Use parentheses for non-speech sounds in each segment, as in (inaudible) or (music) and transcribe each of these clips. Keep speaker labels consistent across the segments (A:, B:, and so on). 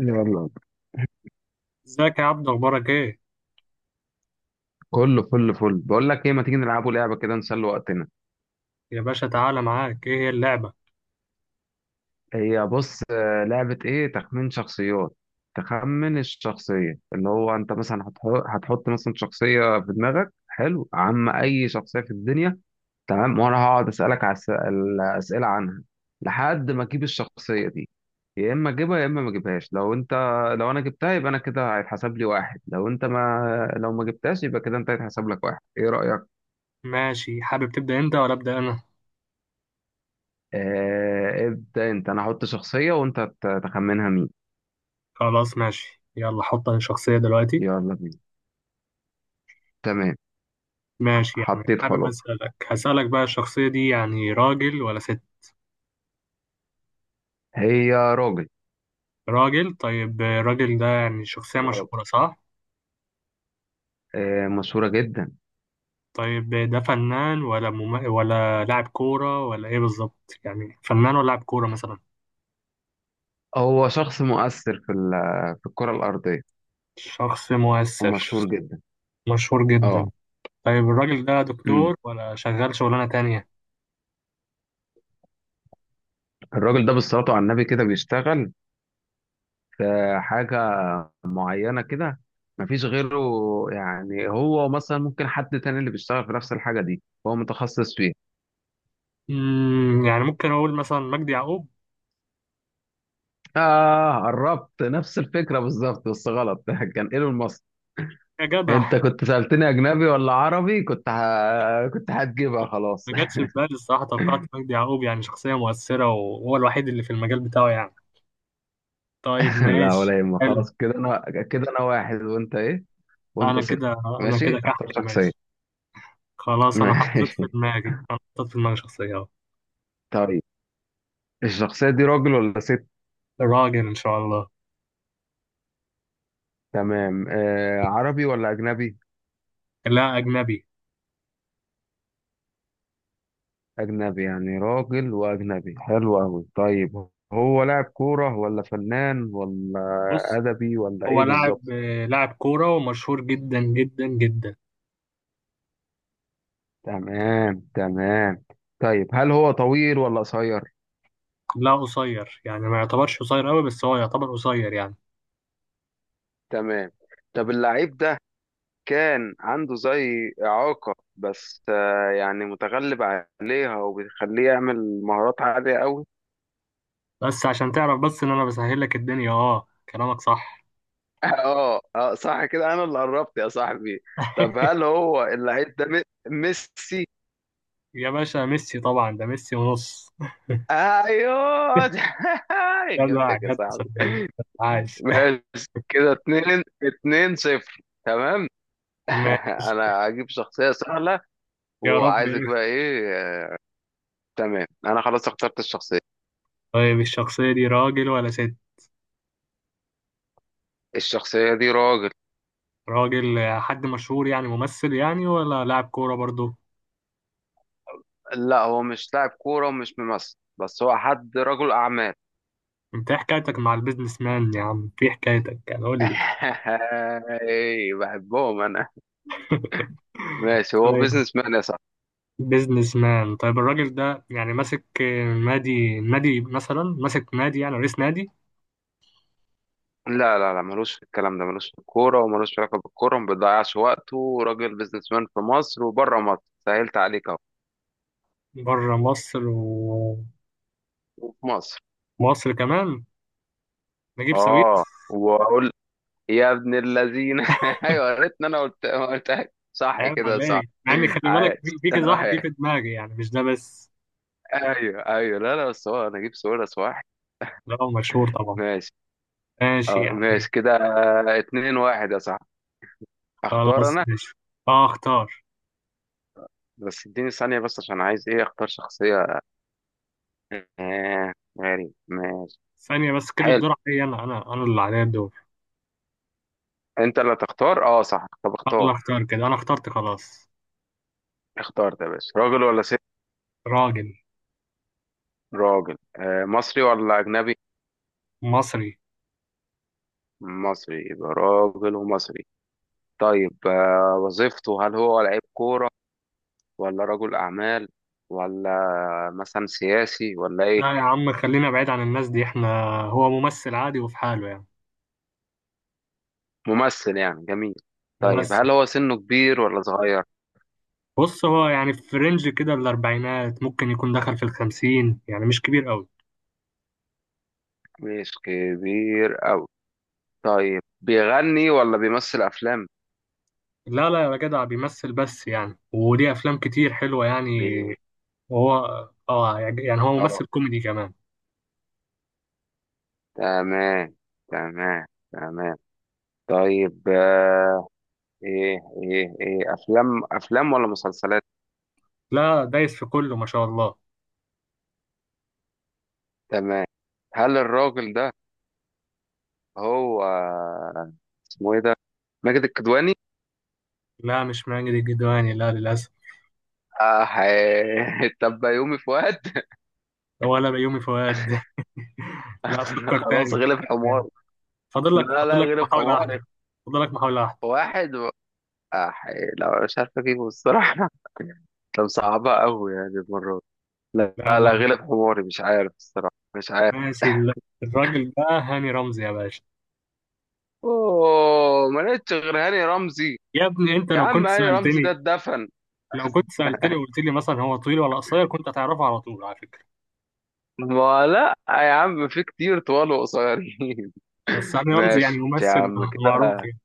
A: يلا،
B: ازيك يا عبدو، اخبارك ايه؟
A: كله فل فل. بقول لك ايه، ما تيجي نلعبوا لعبه كده نسلي وقتنا؟
B: يا باشا تعالى، معاك ايه هي اللعبة؟
A: هي بص، لعبه ايه؟ تخمين شخصيات. تخمن الشخصيه اللي هو انت مثلا هتحط مثلا شخصيه في دماغك. حلو؟ عم اي شخصيه في الدنيا. تمام، وانا هقعد اسالك على الاسئله عنها لحد ما اجيب الشخصيه دي. يا اما اجيبها يا اما ما اجيبهاش. لو انت، لو انا جبتها يبقى انا كده هيتحسب لي واحد، لو انت ما، لو ما جبتهاش يبقى كده انت هيتحسب لك واحد. ايه رايك؟
B: ماشي، حابب تبدأ انت ولا ابدأ انا؟
A: ابدأ انت. انا هحط شخصية وانت تخمنها مين.
B: خلاص ماشي، يلا حط الشخصية دلوقتي.
A: يلا بينا. تمام.
B: ماشي، يعني
A: حطيت
B: حابب
A: خلاص.
B: اسألك هسألك بقى، الشخصية دي يعني راجل ولا ست؟
A: هي راجل.
B: راجل، طيب الراجل ده يعني شخصية
A: راجل.
B: مشهورة صح؟
A: مشهورة جدا.
B: طيب، ده فنان ولا ولا لاعب كورة ولا ايه بالظبط؟ يعني فنان ولا لاعب كورة مثلا؟
A: هو شخص مؤثر في في الكرة الأرضية،
B: شخص مؤثر.
A: ومشهور جدا.
B: مشهور جدا.
A: اه.
B: طيب الراجل ده
A: أمم.
B: دكتور ولا شغال شغلانة تانية؟
A: الراجل ده بالصلاة على النبي كده بيشتغل في حاجة معينة كده. مفيش غيره يعني. هو مثلا ممكن حد تاني اللي بيشتغل في نفس الحاجة دي، هو متخصص فيها.
B: يعني ممكن أقول مثلا مجدي يعقوب.
A: آه، قربت نفس الفكرة بالظبط، بس غلط. (laughs) كان ايلون ماسك.
B: يا جدع،
A: انت كنت سألتني اجنبي ولا عربي كنت كنت هتجيبها خلاص.
B: ما جاتش في بالي الصراحة، توقعت مجدي يعقوب، يعني شخصية مؤثرة وهو الوحيد اللي في المجال بتاعه يعني. طيب
A: (laughs) لا
B: ماشي،
A: ولا يهمك.
B: حلو.
A: خلاص كده انا، كده انا واحد وانت ايه، وانت
B: أنا
A: صفر.
B: كده. أنا
A: ماشي،
B: كده
A: اختار
B: كحك،
A: شخصية.
B: ماشي.
A: (laughs)
B: خلاص،
A: ماشي.
B: أنا حطيت في دماغي شخصية أهو.
A: طيب الشخصية دي راجل ولا ست؟
B: راجل إن شاء الله.
A: تمام. آه، عربي ولا اجنبي؟
B: لا، أجنبي.
A: اجنبي، يعني راجل واجنبي، حلو قوي. طيب هو لاعب كورة ولا فنان ولا
B: بص،
A: ادبي ولا
B: هو
A: ايه
B: لاعب،
A: بالظبط؟
B: لاعب كورة ومشهور جدا جدا جدا.
A: تمام تمام. طيب هل هو طويل ولا قصير؟
B: لا قصير، يعني ما يعتبرش قصير أوي بس هو يعتبر قصير يعني.
A: تمام. طب اللعيب ده كان عنده زي إعاقة بس، يعني متغلب عليها وبيخليه يعمل مهارات عالية قوي.
B: بس عشان تعرف بس إن أنا بسهل لك الدنيا، أه كلامك صح.
A: (laughs) اه اه، صح. كده انا اللي قربت يا صاحبي. طب هل هو اللعيب ده ميسي؟
B: يا باشا ميسي، طبعا ده ميسي ونص.
A: ايوه. (laughs)
B: (laughs) جدع
A: جبتك يا
B: جدع
A: صاحبي.
B: صدقني. عاش.
A: ماشي كده، اتنين اتنين صفر تمام.
B: (laughs)
A: (laughs)
B: ماشي.
A: انا هجيب شخصية سهلة
B: يا رب.
A: وعايزك بقى ايه. آه، تمام، انا خلاص اخترت الشخصية.
B: طيب الشخصية دي راجل ولا ست؟
A: الشخصية دي راجل.
B: راجل، حد مشهور يعني ممثل، يعني ولا لاعب كورة برضو؟
A: لا، هو مش لاعب كورة ومش ممثل، بس هو حد رجل أعمال.
B: انت ايه حكايتك مع البيزنس مان يا عم؟ ايه حكايتك؟ يعني قول لي.
A: (laughs) إيه، بحبهم أنا. ماشي، هو
B: طيب.
A: بيزنس مان يا صاحبي.
B: بيزنس مان، طيب الراجل ده يعني ماسك نادي مثلا، ماسك نادي يعني رئيس نادي؟
A: لا لا لا، ملوش في الكلام ده، ملوش في الكورة وملوش في علاقة بالكورة. ما بيضيعش وقته. راجل بيزنس مان في مصر وبره مصر. سهلت عليك أهو.
B: بره مصر.
A: وفي مصر.
B: ومصر كمان. نجيب ساوية.
A: آه. وأقول يا ابن اللذين. (laughs) أيوه، يا ريتني أنا قلت قلتها. صح
B: عيب
A: كده، صح.
B: عليك، مع اني خلي بالك في
A: عايش.
B: في كذا واحد جه في
A: (laughs)
B: دماغي، يعني مش ده بس.
A: ايوه ايوه. لا لا، بس هو انا اجيب سؤال صح؟
B: ده هو مشهور طبعا.
A: ماشي.
B: ماشي
A: اه،
B: يعني.
A: ماشي كده. آه، اتنين واحد يا صاحبي. اختار
B: خلاص
A: انا.
B: ماشي. اه اختار.
A: بس اديني ثانية بس، عشان عايز ايه، اختار شخصية. آه، غريب. ماشي.
B: ثانية بس، كده
A: حلو.
B: الدور عليا، انا اللي عليا الدور.
A: انت اللي تختار، اه صح. طب
B: انا
A: اختار.
B: اللي اختار، كده انا اخترت خلاص.
A: اختار يا باشا. راجل ولا ست؟
B: راجل.
A: راجل. آه، مصري ولا اجنبي؟
B: مصري.
A: مصري. يبقى راجل ومصري. طيب آه، وظيفته، هل هو لعيب كورة ولا رجل اعمال ولا مثلا سياسي ولا ايه؟
B: لا يا عم، خلينا بعيد عن الناس دي احنا. هو ممثل عادي وفي حاله يعني.
A: ممثل، يعني جميل. طيب
B: ممثل.
A: هل هو سنه كبير ولا صغير؟
B: بص، هو يعني في رينج كده الاربعينات، ممكن يكون دخل في الخمسين، يعني مش كبير قوي.
A: مش كبير أوي. طيب بيغني ولا بيمثل أفلام؟
B: لا لا يا جدع، بيمثل بس، يعني وليه افلام كتير حلوه يعني.
A: بي...
B: هو. اه، يعني هو
A: اه.
B: ممثل كوميدي كمان.
A: تمام تمام تمام. طيب آه، إيه، إيه أفلام، أفلام ولا مسلسلات؟
B: لا، دايس في كله ما شاء الله.
A: تمام. هل الراجل ده، هو اسمه إيه ده؟ ماجد الكدواني؟
B: لا مش ماجد الكدواني، لا للأسف.
A: آه، تبقى (laughs) يومي فؤاد؟
B: ولا بيومي فؤاد. (laughs) لا،
A: (laughs)
B: فكر
A: خلاص،
B: تاني،
A: غلب
B: فكر تاني.
A: حمار. لا
B: فاضل
A: لا،
B: لك
A: غلب
B: محاولة واحدة.
A: حماري.
B: فاضل لك محاولة واحدة.
A: واحد. آه، حقيقي. لا مش عارف اجيبه الصراحة. (laughs) طب صعبها قوي يعني المرة دي. لا
B: لا
A: لا لا،
B: لا.
A: غلب حماري، مش عارف الصراحة، مش عارف.
B: ماشي الراجل ده هاني رمزي يا باشا.
A: اوه، ما لقيتش غير هاني رمزي.
B: يا ابني انت،
A: يا
B: لو
A: عم
B: كنت
A: هاني رمزي ده
B: سألتني.
A: اتدفن.
B: لو كنت سألتني وقلت لي مثلا هو طويل ولا قصير، كنت هتعرفه على طول على فكرة.
A: ما لا يا عم، في كتير طوال وقصيرين.
B: بس
A: (laughs)
B: هاني رمزي يعني
A: ماشي يا
B: ممثل
A: عم
B: معروف
A: كده.
B: يعني.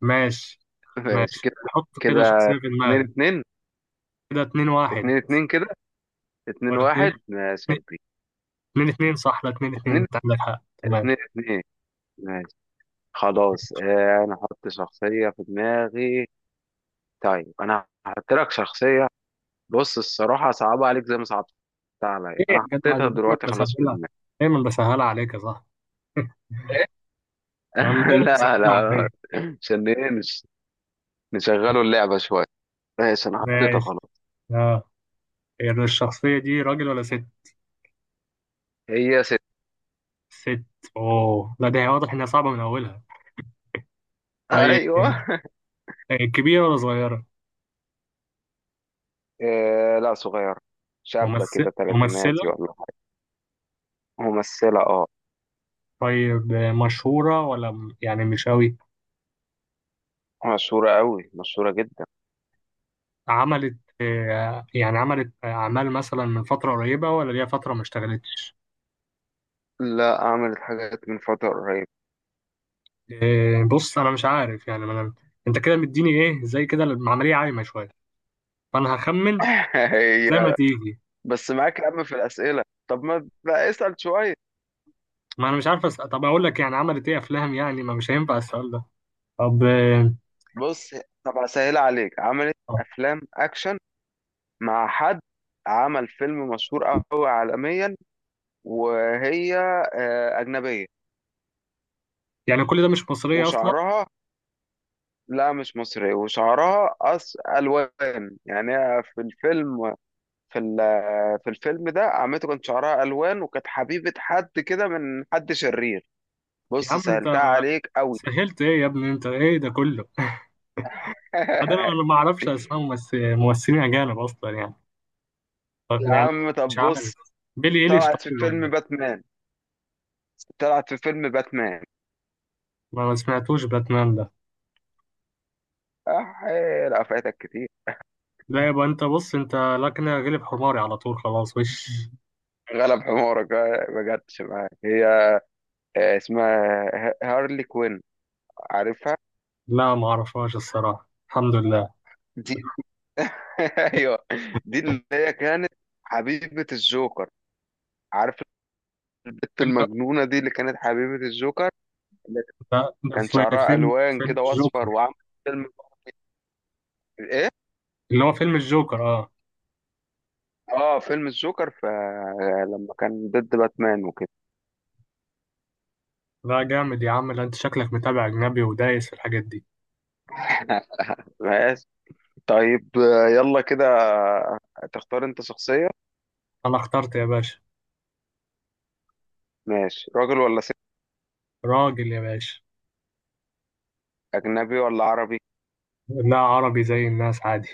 B: ماشي.
A: ماشي
B: ماشي،
A: كده.
B: حط كده
A: كده
B: شخصية في
A: اتنين
B: دماغك.
A: اتنين.
B: كده اتنين واحد،
A: اتنين اتنين كده. اتنين
B: ولا 2-2؟
A: واحد ماشي يا كبير.
B: اتنين اتنين صح، لا اتنين اتنين
A: اتنين،
B: انت عندك حق، تمام.
A: اتنين اتنين. ماشي. خلاص. آه، انا احط شخصية في دماغي. طيب انا هحط لك شخصيه. بص، الصراحه صعبه عليك زي ما صعبت عليا
B: ايه يا
A: انا.
B: جدع،
A: حطيتها
B: انا دايما
A: دلوقتي خلاص في
B: بسهلها.
A: دماغي.
B: دايما بسهلها عليك يا صاحبي. (laughs) يا عم
A: (laughs)
B: دايما
A: لا
B: بسهلها
A: لا.
B: عليك.
A: عشان ايه؟ نشغلوا اللعبه شويه. ماشي انا حطيتها
B: ماشي.
A: خلاص.
B: اه، يعني الشخصية دي راجل ولا ست؟
A: هي ست.
B: ست. اوه، لا ده هي واضح انها صعبة من اولها. طيب
A: ايوه.
B: كبيرة ولا صغيرة؟
A: إيه، لا صغيره، شابه كده
B: ممثلة.
A: تلاتيناتي ولا حاجه. ممثله، اه.
B: طيب مشهورة ولا يعني مش قوي؟
A: مشهوره قوي، مشهوره جدا.
B: عملت يعني عملت أعمال مثلا من فترة قريبة ولا ليها فترة ما اشتغلتش؟
A: لا، عملت حاجات من فتره قريبه.
B: بص انا مش عارف يعني، ما انا انت كده مديني ايه زي كده، العمليه عايمه شويه، فانا هخمن.
A: (laughs)
B: زي ما
A: هي،
B: تيجي.
A: بس معاك يا عم في الاسئله. طب ما بقى اسال شويه.
B: ما انا مش عارف طب اقول لك يعني عملت ايه افلام، يعني ما مش هينفع السؤال ده. طب
A: بص، طب اسهل عليك، عملت افلام اكشن مع حد، عمل فيلم مشهور قوي عالميا، وهي اجنبيه،
B: يعني كل ده مش مصريه اصلا.
A: وشعرها، لا مش مصري، وشعرها أص الوان، يعني هي في الفيلم، في في الفيلم ده عمته، كان شعرها الوان، وكانت حبيبه حد كده من حد شرير.
B: يا
A: بص،
B: عم
A: سهلتها
B: انت،
A: عليك قوي.
B: سهلت ايه يا ابني؟ انت ايه ده كله؟ (laughs) بعدين انا ما
A: (laughs)
B: اعرفش اسماء ممثلين اجانب اصلا يعني. طب
A: يا
B: يعني،
A: عم
B: مش
A: طب
B: عارف،
A: بص،
B: بيلي ايليش
A: طلعت في
B: طيب ولا
A: فيلم
B: ايه؟
A: باتمان. طلعت في فيلم باتمان.
B: ما سمعتوش باتمان ده.
A: أح... لا فاتك كتير.
B: لا يبقى انت، بص انت، لا كده غلب حماري على طول خلاص، وش.
A: غلب حمارك. آه، ما جاتش معاك هي. آه، اسمها هارلي كوين. عارفها؟
B: لا ما اعرفهاش الصراحة الحمد لله.
A: دي، (laughs) ايوه، دي اللي هي كانت حبيبة الجوكر. عارف، البت
B: إلا.
A: المجنونة دي اللي كانت حبيبة الجوكر، اللي
B: ده
A: كان
B: في
A: شعرها
B: فيلم
A: ألوان كده وأصفر،
B: الجوكر.
A: وعملت فيلم إيه؟
B: اللي هو فيلم الجوكر اه.
A: آه، فيلم الجوكر، لما كان ضد باتمان وكده.
B: لا جامد يا عم، لا انت شكلك متابع اجنبي ودايس في الحاجات دي.
A: (laughs) ماشي. طيب آه، يلا كده، تختار أنت شخصية.
B: انا اخترت يا باشا.
A: ماشي. راجل ولا ست؟
B: راجل يا باشا.
A: أجنبي ولا عربي؟
B: لا عربي، زي الناس عادي.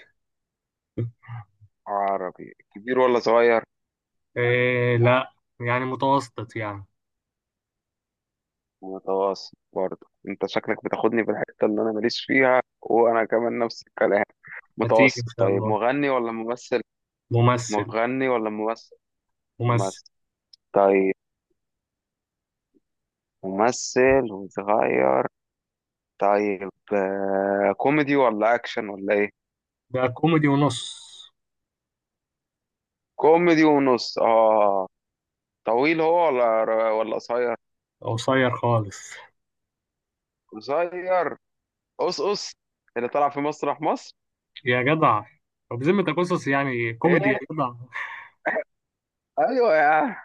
A: عربي كبير ولا صغير؟
B: إيه لا، يعني متوسط يعني.
A: متوسط؟ برضه انت شكلك بتاخدني في الحتة اللي انا ماليش فيها وانا كمان نفس الكلام.
B: هتيجي ان
A: متوسط.
B: شاء
A: طيب
B: الله.
A: مغني ولا ممثل؟
B: ممثل.
A: مغني ولا ممثل؟
B: ممثل.
A: ممثل. طيب ممثل وصغير. طيب آه، كوميدي ولا اكشن ولا ايه؟
B: ده كوميدي ونص.
A: كوميدي ونص، اه. طويل هو ولا قصير؟
B: قصير خالص.
A: قصير، قصقص، اللي طلع في مسرح مصر.
B: يا جدع، طب بذمتك قصص يعني كوميدي يا
A: ايه؟
B: جدع؟
A: ايوه يا عم.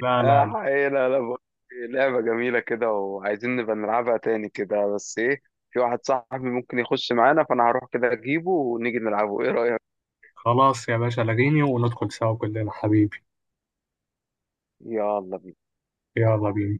B: (laughs) لا
A: آه،
B: لا.
A: حقيقة. لا لا، بقول لك إيه، لعبة جميلة كده، وعايزين نبقى نلعبها تاني كده، بس ايه، في واحد صاحبي ممكن يخش معانا، فانا هروح كده اجيبه ونيجي نلعبه. ايه رأيك؟
B: خلاص يا باشا، لغيني وندخل سوا كلنا حبيبي.
A: يلا.
B: يلا بينا.